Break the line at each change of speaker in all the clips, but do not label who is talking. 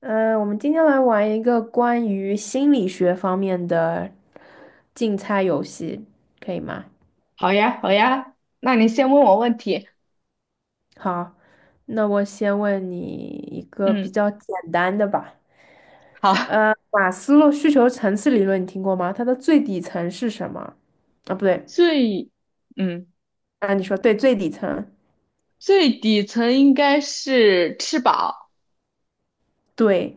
我们今天来玩一个关于心理学方面的竞猜游戏，可以吗？
好呀，好呀，那你先问我问题。
好，那我先问你一个比
嗯，
较简单的吧。
好，
马斯洛需求层次理论你听过吗？它的最底层是什么？啊，不对，
最，嗯，
啊，你说对，最底层，
最底层应该是吃饱，
对，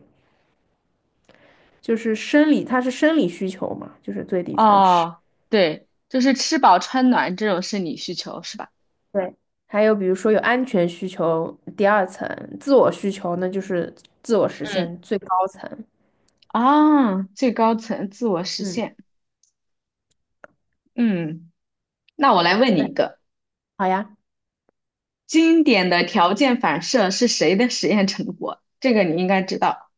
就是生理，它是生理需求嘛，就是最底层吃。
哦，对，就是吃饱穿暖这种是你需求是吧？
对。还有比如说有安全需求，第二层；自我需求那就是自我实
嗯
现最高层。
啊，最高层自我实
嗯，
现。嗯，那我来问你
那
一个，
好呀，
经典的条件反射是谁的实验成果？这个你应该知道，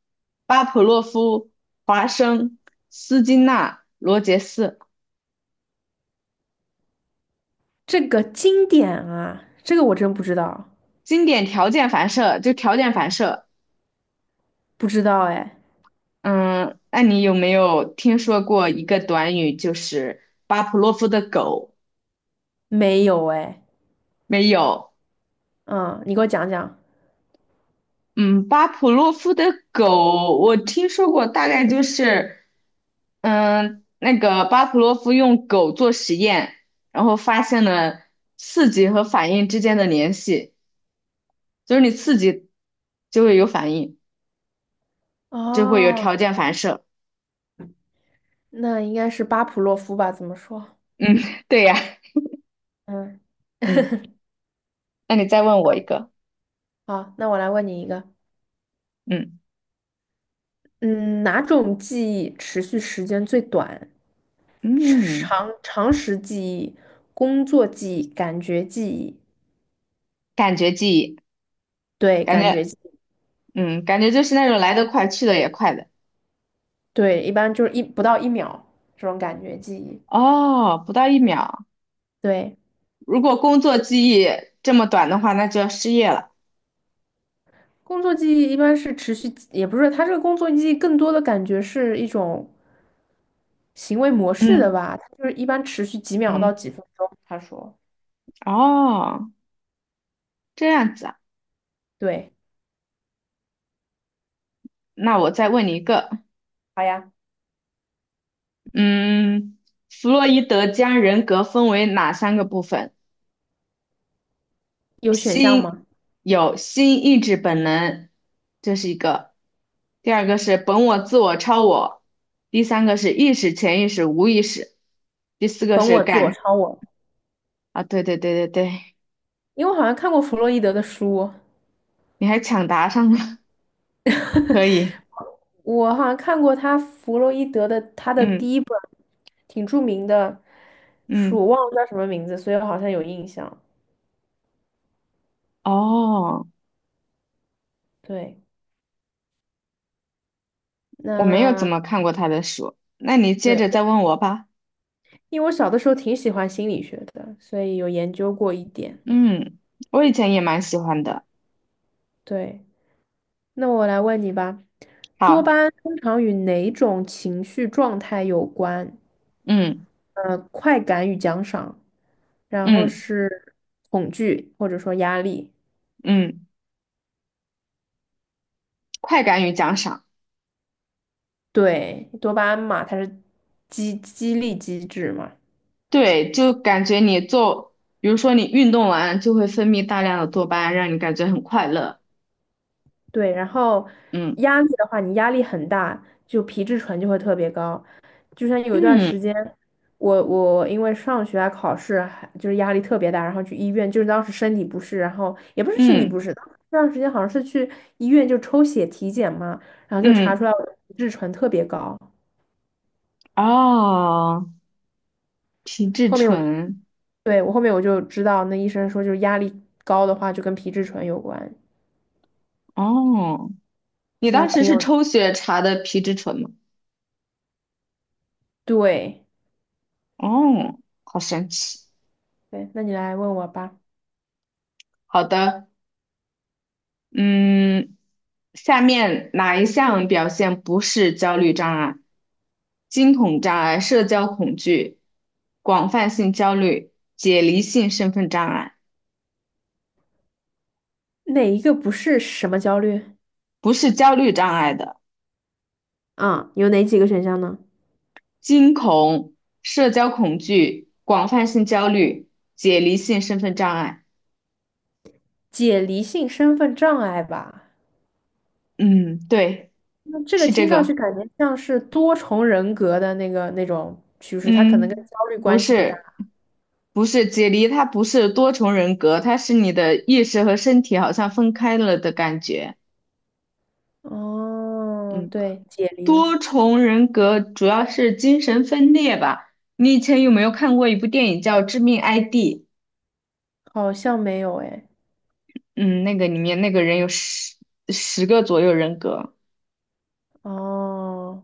巴甫洛夫、华生、斯金纳、罗杰斯。
这个经典啊，这个我真不知道，
经典条件反射，就条件反射。
不知道哎，
嗯，那你有没有听说过一个短语，就是巴甫洛夫的狗？
没有哎，
没有。
嗯，你给我讲讲。
嗯，巴甫洛夫的狗，我听说过，大概就是，嗯，那个巴甫洛夫用狗做实验，然后发现了刺激和反应之间的联系，就是你刺激就会有反应，就会有
哦，
条件反射。
那应该是巴甫洛夫吧？怎么说？
嗯，对呀。
嗯，
嗯，那你再问我一个。
好，那我来问你一个，
嗯。
嗯，哪种记忆持续时间最短？
嗯，
长常识记忆、工作记忆、感觉记忆，
感觉记忆，
对，
感
感觉
觉，
记忆
嗯，感觉就是那种来得快，去得也快的。
对，一般就是不到一秒这种感觉记忆，
哦，不到一秒。
对。
如果工作记忆这么短的话，那就要失业了。
工作记忆一般是持续，也不是，它这个工作记忆更多的感觉是一种行为模式
嗯，
的吧，它就是一般持续几秒到
嗯，
几分钟。他说，
哦，这样子啊。
对，
那我再问你一个，
好呀，
嗯，弗洛伊德将人格分为哪三个部分？
有选项
心
吗？
有心意志本能，这是一个；第二个是本我、自我、超我；第三个是意识、潜意识、无意识；第四个
本
是
我、自我、超我，
啊，对对对对对，
因为我好像看过弗洛伊德的书，
你还抢答上了，可 以，
我好像看过弗洛伊德的他的
嗯
第一本挺著名的书，我
嗯，
忘了叫什么名字，所以我好像有印象。
哦，
对，
我没有怎
那
么看过他的书，那你接着
对。
再问我吧。
因为我小的时候挺喜欢心理学的，所以有研究过一点。
嗯，我以前也蛮喜欢的。
对，那我来问你吧，多巴
好，
胺通常与哪种情绪状态有关？
嗯
快感与奖赏，然后
嗯
是恐惧或者说压力。
嗯，快感与奖赏。
对，多巴胺嘛，它是激励机制嘛，
对，就感觉你做，比如说你运动完就会分泌大量的多巴胺，让你感觉很快乐。
对，然后
嗯
压力的话，你压力很大，就皮质醇就会特别高。就像有一段
嗯
时间，我因为上学啊、考试还就是压力特别大，然后去医院，就是当时身体不适，然后也不是身体不
嗯
适，当时那段时间好像是去医院就抽血体检嘛，然后就查
嗯，
出来我的皮质醇特别高。
哦，皮质
后面我
醇，
对我后面我就知道，那医生说就是压力高的话就跟皮质醇有关，
哦，你
其实
当时
挺
是
有
抽血查的皮质醇吗？
对
哦，好神奇。
对。那你来问我吧，
好的，嗯，下面哪一项表现不是焦虑障碍？惊恐障碍、社交恐惧、广泛性焦虑、解离性身份障碍。
哪一个不是什么焦虑？
不是焦虑障碍的，
啊，有哪几个选项呢？
惊恐、社交恐惧、广泛性焦虑、解离性身份障碍。
解离性身份障碍吧。
嗯，对，
那这个
是这
听上
个。
去感觉像是多重人格的那个那种趋势，它可能跟
嗯，
焦虑
不
关系不大。
是，不是解离，它不是多重人格，它是你的意识和身体好像分开了的感觉。
哦，
嗯，
对，解离
多重人格主要是精神分裂吧。你以前有没有看过一部电影叫《致命 ID》？
好像没有哎。
嗯，那个里面那个人有十个左右人格。
哦，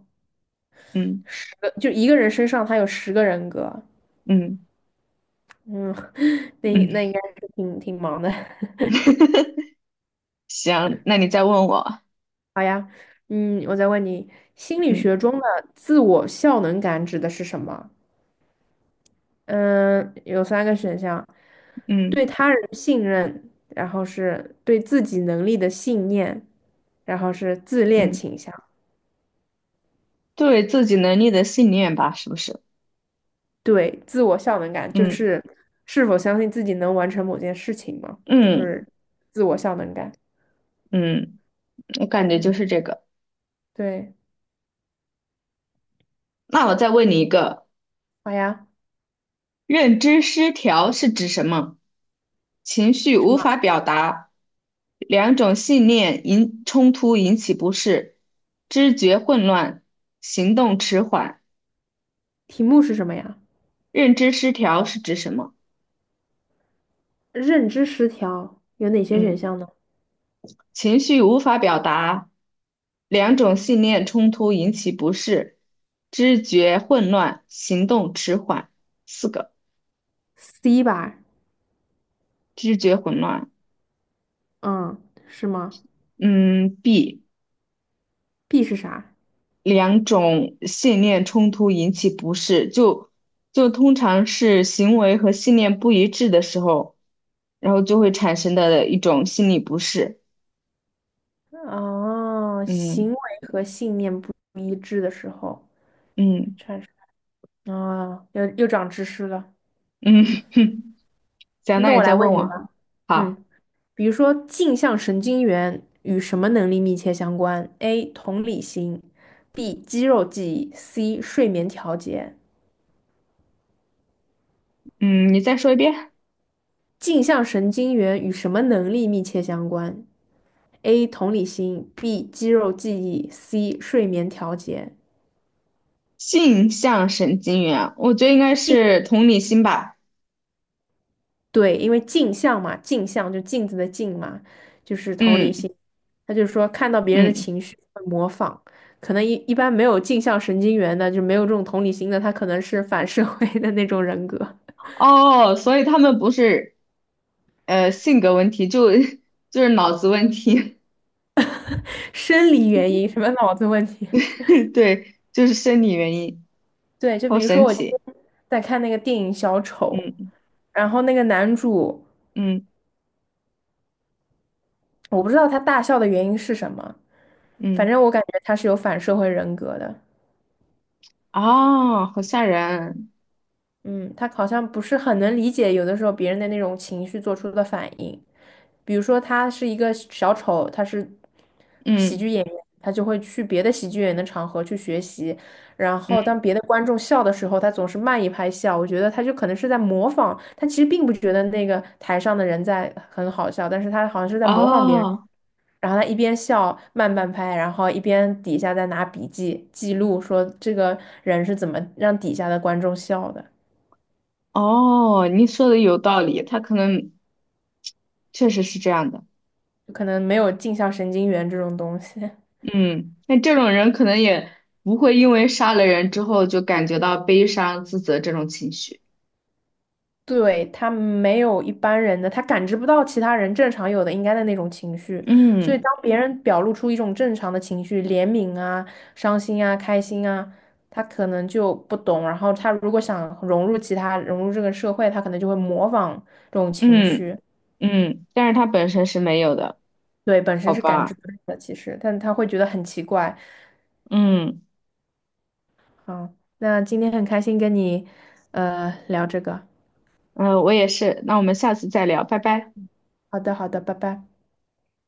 嗯。
十个就一个人身上他有十个人格。
嗯
嗯，那
嗯，
那应该是挺忙的。
行，那你再问我，
嗯，我再问你，心理
嗯
学中的自我效能感指的是什么？嗯，有三个选项：
嗯
对他人信任，然后是对自己能力的信念，然后是自恋
嗯，
倾向，
对自己能力的信念吧，是不是？
对自我效能感，就
嗯
是是否相信自己能完成某件事情嘛，就
嗯
是自我效能感。
嗯，我感觉就
嗯，
是这个。
对，
那我再问你一个，
好呀。
认知失调是指什么？情绪
什
无
么？
法表达，两种信念冲突引起不适，知觉混乱，行动迟缓。
题目是什么呀？
认知失调是指什么？
认知失调有哪些选
嗯。
项呢
情绪无法表达，两种信念冲突引起不适，知觉混乱，行动迟缓。四个，
？C 吧，
知觉混乱。
嗯，是吗
嗯，B，
？B 是啥？
两种信念冲突引起不适，就通常是行为和信念不一致的时候，然后就会产生的一种心理不适。
哦，行
嗯
为和信念不一致的时候。
嗯
产生啊，又长知识了。
嗯，行，那
那
你
我
再
来问
问
你
我。
吧，
好，
嗯，比如说镜像神经元与什么能力密切相关？A. 同理心，B. 肌肉记忆，C. 睡眠调节。
嗯，你再说一遍。
镜像神经元与什么能力密切相关？A. 同理心，B. 肌肉记忆，C. 睡眠调节。
性向神经元，我觉得应该是同理心吧。
对，因为镜像嘛，镜像就镜子的镜嘛，就是同
嗯
理心。他就说看到别人的
嗯，
情绪会模仿，可能一般没有镜像神经元的，就没有这种同理心的，他可能是反社会的那种人格，
哦，所以他们不是性格问题，就 就是脑子问题，
生理原因，什么脑子问题。
对，就是生理原因，
对，就
好
比如说
神
我今天
奇。
在看那个电影《小丑》，
嗯
然后那个男主，
嗯
我不知道他大笑的原因是什么，反
嗯，
正我感觉他是有反社会人格的。
哦，好吓人。
嗯，他好像不是很能理解有的时候别人的那种情绪做出的反应，比如说他是一个小丑，他是喜
嗯
剧演员，他就会去别的喜剧演员的场合去学习，然
嗯，
后当别的观众笑的时候，他总是慢一拍笑，我觉得他就可能是在模仿，他其实并不觉得那个台上的人在很好笑，但是他好像是在模仿别人，
哦
然后他一边笑慢半拍，然后一边底下在拿笔记记录说这个人是怎么让底下的观众笑的。
哦，你说的有道理，他可能确实是这样的。
就可能没有镜像神经元这种东西，
嗯，那这种人可能也不会因为杀了人之后就感觉到悲伤、自责这种情绪。
对，他没有一般人的，他感知不到其他人正常有的应该的那种情绪，所以
嗯
当别人表露出一种正常的情绪，怜悯啊、伤心啊、开心啊，他可能就不懂，然后他如果想融入其他、融入这个社会，他可能就会模仿这种情
嗯
绪，
嗯，但是他本身是没有的，
对，本身
好
是感知
吧？
不到的，其实，但他会觉得很奇怪。
嗯
好，那今天很开心跟你聊这个，
嗯，我也是。那我们下次再聊，拜拜。
好的，好的，拜拜。